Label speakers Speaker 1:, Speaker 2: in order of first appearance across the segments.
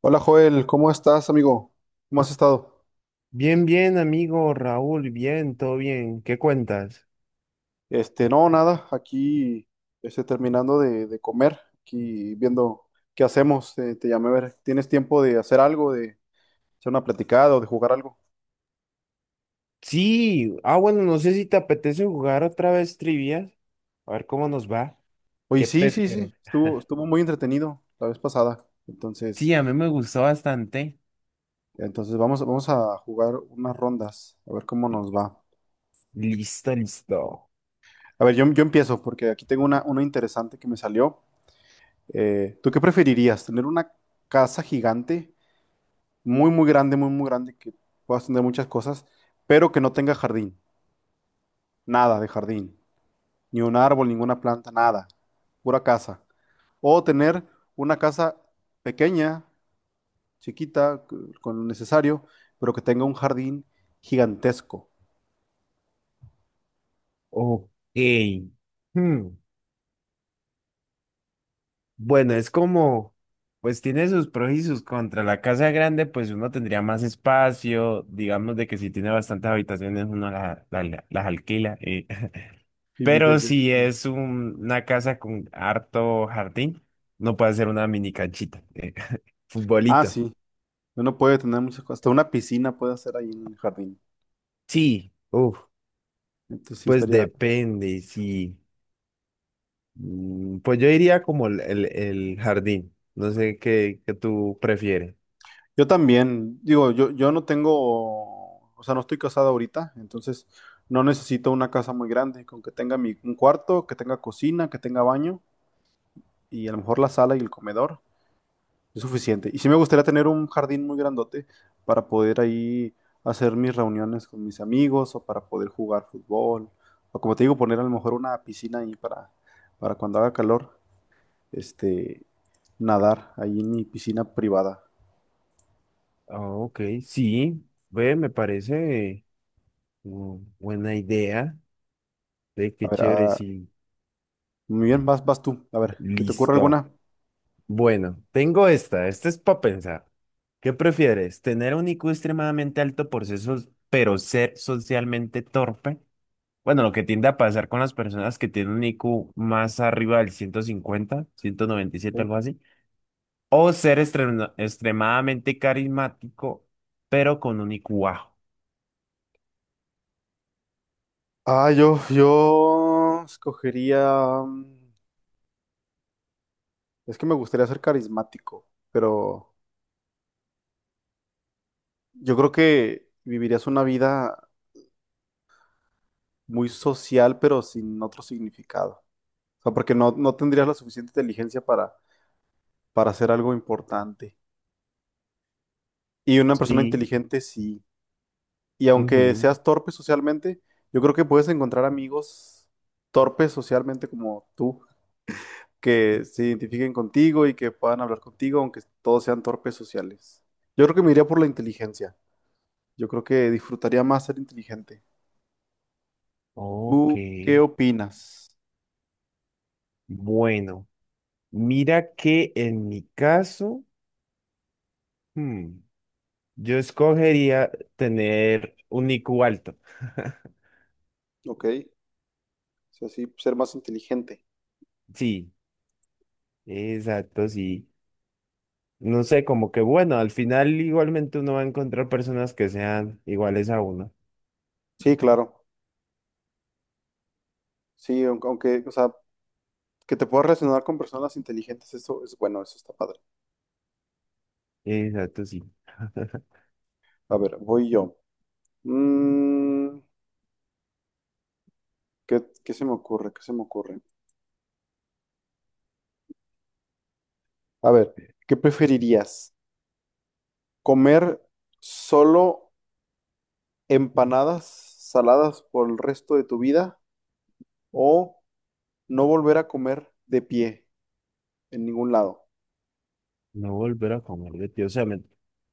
Speaker 1: Hola Joel, ¿cómo estás, amigo? ¿Cómo has estado?
Speaker 2: Bien, bien, amigo Raúl, bien, todo bien. ¿Qué cuentas?
Speaker 1: Este, no, nada, aquí terminando de comer, aquí viendo qué hacemos. Te llamé a ver, ¿tienes tiempo de hacer algo, de hacer una platicada o de jugar algo?
Speaker 2: Sí, bueno, no sé si te apetece jugar otra vez trivias. A ver cómo nos va.
Speaker 1: Oye,
Speaker 2: ¿Qué
Speaker 1: sí, sí, sí,
Speaker 2: prefieres?
Speaker 1: estuvo muy entretenido la vez pasada.
Speaker 2: Sí,
Speaker 1: Entonces,
Speaker 2: a mí me gustó bastante.
Speaker 1: entonces vamos a jugar unas rondas, a ver cómo nos va.
Speaker 2: Listo, listo.
Speaker 1: A ver, yo empiezo porque aquí tengo una interesante que me salió. ¿Tú qué preferirías? ¿Tener una casa gigante, muy grande, muy grande, que puedas tener muchas cosas, pero que no tenga jardín, nada de jardín, ni un árbol, ninguna planta, nada, pura casa? O tener una casa pequeña, chiquita, con lo necesario, pero que tenga un jardín gigantesco.
Speaker 2: Ok. Hmm, Bueno, pues tiene sus pros y sus contras. La casa grande, pues uno tendría más espacio. Digamos de que si tiene bastantes habitaciones, uno las alquila.
Speaker 1: Y
Speaker 2: Pero
Speaker 1: vives de eso.
Speaker 2: si es una casa con harto jardín, no puede ser una mini canchita.
Speaker 1: Ah,
Speaker 2: Futbolito.
Speaker 1: sí, uno puede tener muchas cosas, hasta una piscina puede hacer ahí en el jardín.
Speaker 2: Sí, uf,
Speaker 1: Entonces sí
Speaker 2: pues
Speaker 1: estaría.
Speaker 2: depende, sí. Pues yo iría como el jardín. No sé qué, qué tú prefieres.
Speaker 1: Yo también, digo, yo no tengo, o sea, no estoy casado ahorita, entonces no necesito una casa muy grande, con que tenga mi, un cuarto, que tenga cocina, que tenga baño y a lo mejor la sala y el comedor es suficiente. Y sí me gustaría tener un jardín muy grandote para poder ahí hacer mis reuniones con mis amigos o para poder jugar fútbol o como te digo, poner a lo mejor una piscina ahí para cuando haga calor, este, nadar ahí en mi piscina privada.
Speaker 2: Ah, ok, sí, ve, me parece buena idea. Ve,
Speaker 1: A
Speaker 2: qué
Speaker 1: ver,
Speaker 2: chévere,
Speaker 1: a-
Speaker 2: sí.
Speaker 1: Muy bien, vas tú. A ver, ¿se te ocurre
Speaker 2: Listo.
Speaker 1: alguna?
Speaker 2: Bueno, tengo esta, esta es para pensar. ¿Qué prefieres? ¿Tener un IQ extremadamente alto por ser, so- pero ser socialmente torpe? Bueno, lo que tiende a pasar con las personas que tienen un IQ más arriba del ciento ciento cincuenta, ciento noventa y
Speaker 1: Sí.
Speaker 2: siete, algo así. O ser extremadamente carismático, pero con un IQ bajo.
Speaker 1: Ah, yo escogería. Es que me gustaría ser carismático, pero yo creo que vivirías una vida muy social, pero sin otro significado. O sea, porque no tendrías la suficiente inteligencia para hacer algo importante. Y una persona
Speaker 2: Sí.
Speaker 1: inteligente sí. Y aunque
Speaker 2: ujú,
Speaker 1: seas torpe socialmente, yo creo que puedes encontrar amigos torpes socialmente como tú, que se identifiquen contigo y que puedan hablar contigo, aunque todos sean torpes sociales. Yo creo que me iría por la inteligencia. Yo creo que disfrutaría más ser inteligente.
Speaker 2: Ok.
Speaker 1: ¿Tú qué opinas?
Speaker 2: Bueno, mira que en mi caso... hmm, Yo escogería tener un IQ alto.
Speaker 1: Ok, o sea, sí, ser más inteligente.
Speaker 2: Sí, exacto, sí. No sé, como que bueno, al final igualmente uno va a encontrar personas que sean iguales a uno.
Speaker 1: Sí, claro. Sí, aunque, o sea, que te puedas relacionar con personas inteligentes, eso es bueno, eso está padre.
Speaker 2: Exacto, sí.
Speaker 1: A ver, voy yo. Mm, qué se me ocurre? ¿Qué se me ocurre? A ver, ¿qué preferirías? ¿Comer solo empanadas saladas por el resto de tu vida o no volver a comer de pie en ningún lado,
Speaker 2: No volver a comer de pie,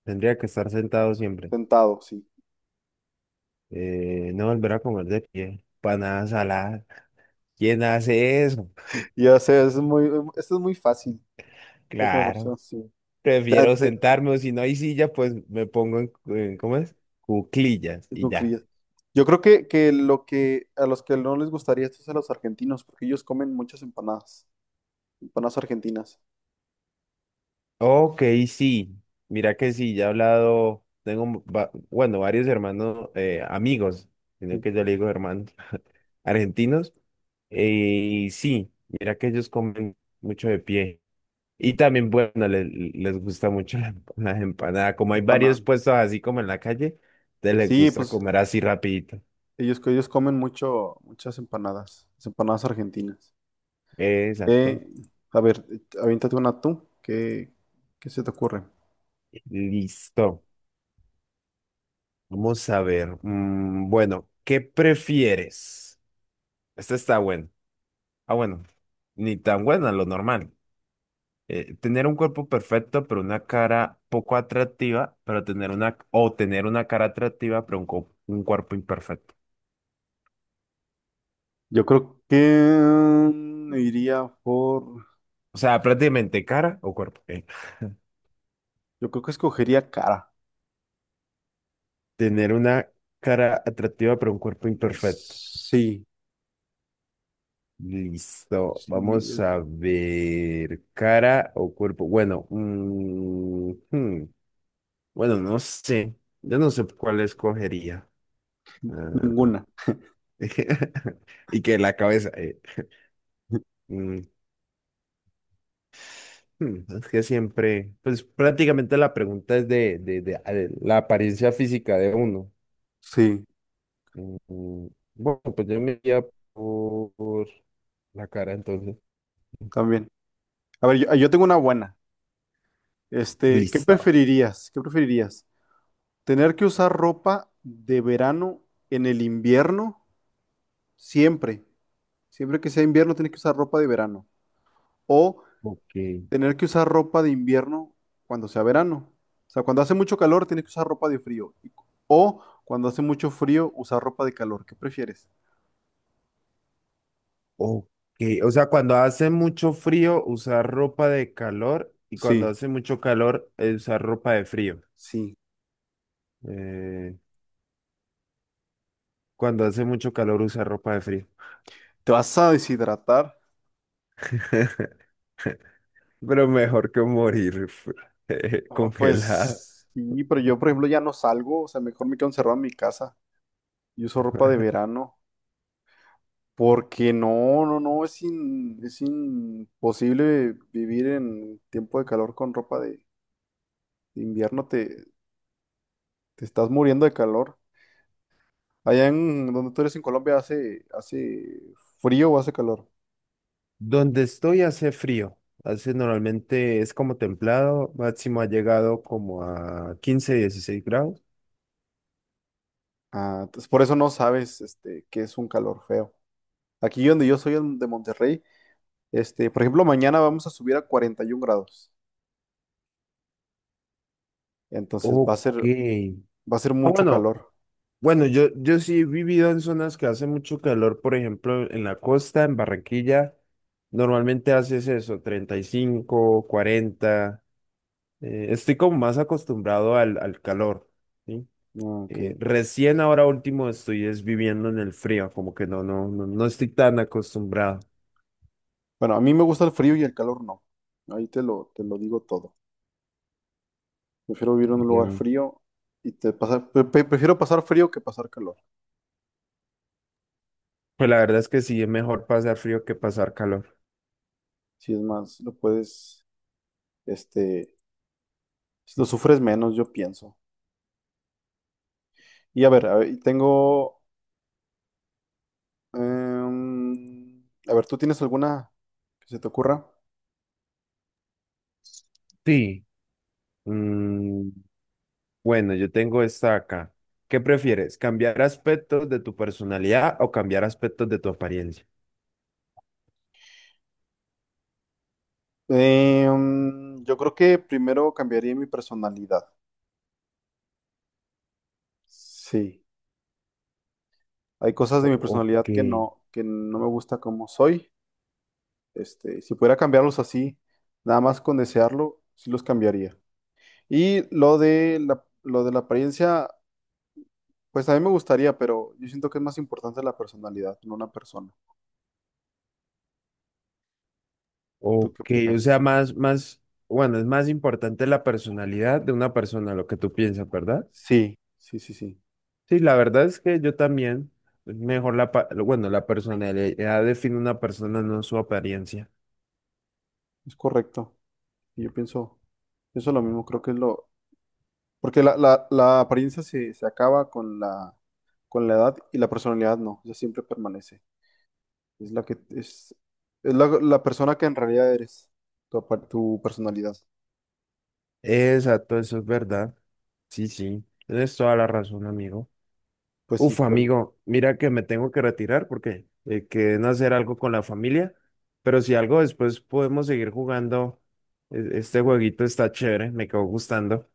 Speaker 2: tendría que estar sentado siempre.
Speaker 1: sentado, sí?
Speaker 2: No volver a comer de pie, panadas saladas. ¿Quién hace eso?
Speaker 1: Ya sé, es muy, esto es muy fácil. Saca la
Speaker 2: Claro,
Speaker 1: conversación, sí. Te-
Speaker 2: prefiero
Speaker 1: te-
Speaker 2: sentarme o si no hay silla, pues me pongo ¿cómo es? Cuclillas
Speaker 1: Te
Speaker 2: y ya.
Speaker 1: concluyes. Yo creo que lo que a los que no les gustaría esto es a los argentinos, porque ellos comen muchas empanadas, empanadas argentinas.
Speaker 2: Ok, sí. Mira que sí, ya he hablado, tengo, un va- bueno, varios hermanos, amigos, sino
Speaker 1: Sí.
Speaker 2: que yo le digo hermanos argentinos. Y sí, mira que ellos comen mucho de pie. Y también, bueno, les gusta mucho la, la empanada. Como hay varios
Speaker 1: Empanadas.
Speaker 2: puestos así como en la calle, te les
Speaker 1: Sí,
Speaker 2: gusta
Speaker 1: pues
Speaker 2: comer así rapidito.
Speaker 1: ellos comen mucho, muchas empanadas, las empanadas argentinas.
Speaker 2: Exacto.
Speaker 1: Eh, a ver, aviéntate una tú. Qué se te ocurre?
Speaker 2: Listo. Vamos a ver. Bueno, ¿qué prefieres? Este está bueno. Ah, bueno, ni tan buena, lo normal. Tener un cuerpo perfecto, pero una cara poco atractiva, pero tener una, o tener una cara atractiva, pero un cuerpo imperfecto.
Speaker 1: Yo creo que iría por.
Speaker 2: O sea, prácticamente cara o cuerpo.
Speaker 1: Yo creo que escogería cara.
Speaker 2: Tener una cara atractiva, pero un cuerpo imperfecto.
Speaker 1: Sí,
Speaker 2: Listo,
Speaker 1: sí,
Speaker 2: vamos
Speaker 1: eh,
Speaker 2: a ver. Cara o cuerpo. Bueno, bueno, no sé. Yo no sé cuál escogería. Ah,
Speaker 1: ninguna.
Speaker 2: y que la cabeza. Mm, Es que siempre, pues prácticamente la pregunta es a ver, la apariencia física de uno.
Speaker 1: Sí,
Speaker 2: Mm, mm, Bueno, pues yo me iría por la cara entonces.
Speaker 1: también. A ver, yo tengo una buena. Este, ¿qué
Speaker 2: Listo.
Speaker 1: preferirías? ¿Qué preferirías? ¿Tener que usar ropa de verano en el invierno? Siempre. Siempre que sea invierno, tienes que usar ropa de verano. O
Speaker 2: Ok.
Speaker 1: tener que usar ropa de invierno cuando sea verano. O sea, cuando hace mucho calor, tienes que usar ropa de frío. O cuando hace mucho frío, usar ropa de calor. ¿Qué prefieres?
Speaker 2: Ok. O sea, cuando hace mucho frío, usar ropa de calor y cuando
Speaker 1: Sí,
Speaker 2: hace mucho calor, usar ropa de frío.
Speaker 1: sí.
Speaker 2: Eh, Cuando hace mucho calor, usar ropa de frío.
Speaker 1: ¿Te vas a deshidratar?
Speaker 2: Pero mejor que morir
Speaker 1: Ah,
Speaker 2: congelada.
Speaker 1: pues sí, pero yo, por ejemplo, ya no salgo. O sea, mejor me quedo encerrado en mi casa y uso ropa de verano. Porque no, es, es imposible vivir en tiempo de calor con ropa de invierno. Te estás muriendo de calor. Allá en donde tú eres en Colombia hace frío o hace calor.
Speaker 2: Donde estoy hace frío, hace normalmente es como templado, máximo ha llegado como a 15, 16 grados.
Speaker 1: Ah, entonces por eso no sabes este, qué es un calor feo. Aquí donde yo soy de Monterrey, este, por ejemplo, mañana vamos a subir a 41 grados. Entonces
Speaker 2: Ok.
Speaker 1: va a ser
Speaker 2: Ah,
Speaker 1: mucho
Speaker 2: bueno,
Speaker 1: calor.
Speaker 2: bueno, yo sí he vivido en zonas que hace mucho calor, por ejemplo, en la costa, en Barranquilla, normalmente haces eso, 35, 40. Estoy como más acostumbrado al, al calor, ¿sí?
Speaker 1: Ah, ok.
Speaker 2: Recién ahora último estoy es viviendo en el frío, como que no estoy tan acostumbrado.
Speaker 1: Bueno, a mí me gusta el frío y el calor no. Ahí te lo digo todo. Prefiero vivir en un
Speaker 2: Ya.
Speaker 1: lugar frío y te pasar, pre- pre- prefiero pasar frío que pasar calor.
Speaker 2: Pues la verdad es que sí, es mejor pasar frío que pasar calor.
Speaker 1: Si es más, lo puedes, este, si lo sufres menos, yo pienso. Y a ver, tengo... em, a ver, ¿tú tienes alguna que se te ocurra?
Speaker 2: Sí. Mm, bueno, yo tengo esta acá. ¿Qué prefieres? ¿Cambiar aspectos de tu personalidad o cambiar aspectos de tu apariencia?
Speaker 1: Em, yo creo que primero cambiaría mi personalidad. Sí, hay cosas de mi personalidad
Speaker 2: Ok.
Speaker 1: que no me gusta como soy. Este, si pudiera cambiarlos así, nada más con desearlo, sí los cambiaría. Y lo de la apariencia, pues a mí me gustaría, pero yo siento que es más importante la personalidad, no una persona. ¿Tú qué
Speaker 2: Ok, o sea,
Speaker 1: opinas?
Speaker 2: bueno, es más importante la personalidad de una persona, lo que tú piensas, ¿verdad?
Speaker 1: Sí, sí, sí, sí,
Speaker 2: Sí, la verdad es que yo también, mejor la, pa- bueno, la personalidad define una persona, no su apariencia.
Speaker 1: es correcto. Y pienso lo mismo, creo que es lo... Porque la apariencia se acaba con la edad y la personalidad no, ya siempre permanece. Es la que es la persona que en realidad eres, tu personalidad.
Speaker 2: Exacto, eso es verdad. Sí, sí, tienes toda la razón, amigo.
Speaker 1: Pues
Speaker 2: Uf,
Speaker 1: hijo
Speaker 2: amigo, mira que me tengo que retirar porque quedé en hacer algo con la familia, pero si algo después podemos seguir jugando, este jueguito está chévere, me quedó gustando.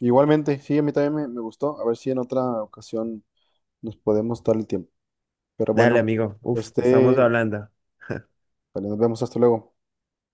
Speaker 1: igualmente, sí, a mí también me gustó. A ver si en otra ocasión nos podemos dar el tiempo. Pero
Speaker 2: Dale,
Speaker 1: bueno,
Speaker 2: amigo. Uf, estamos
Speaker 1: este,
Speaker 2: hablando.
Speaker 1: vale, nos vemos, hasta luego.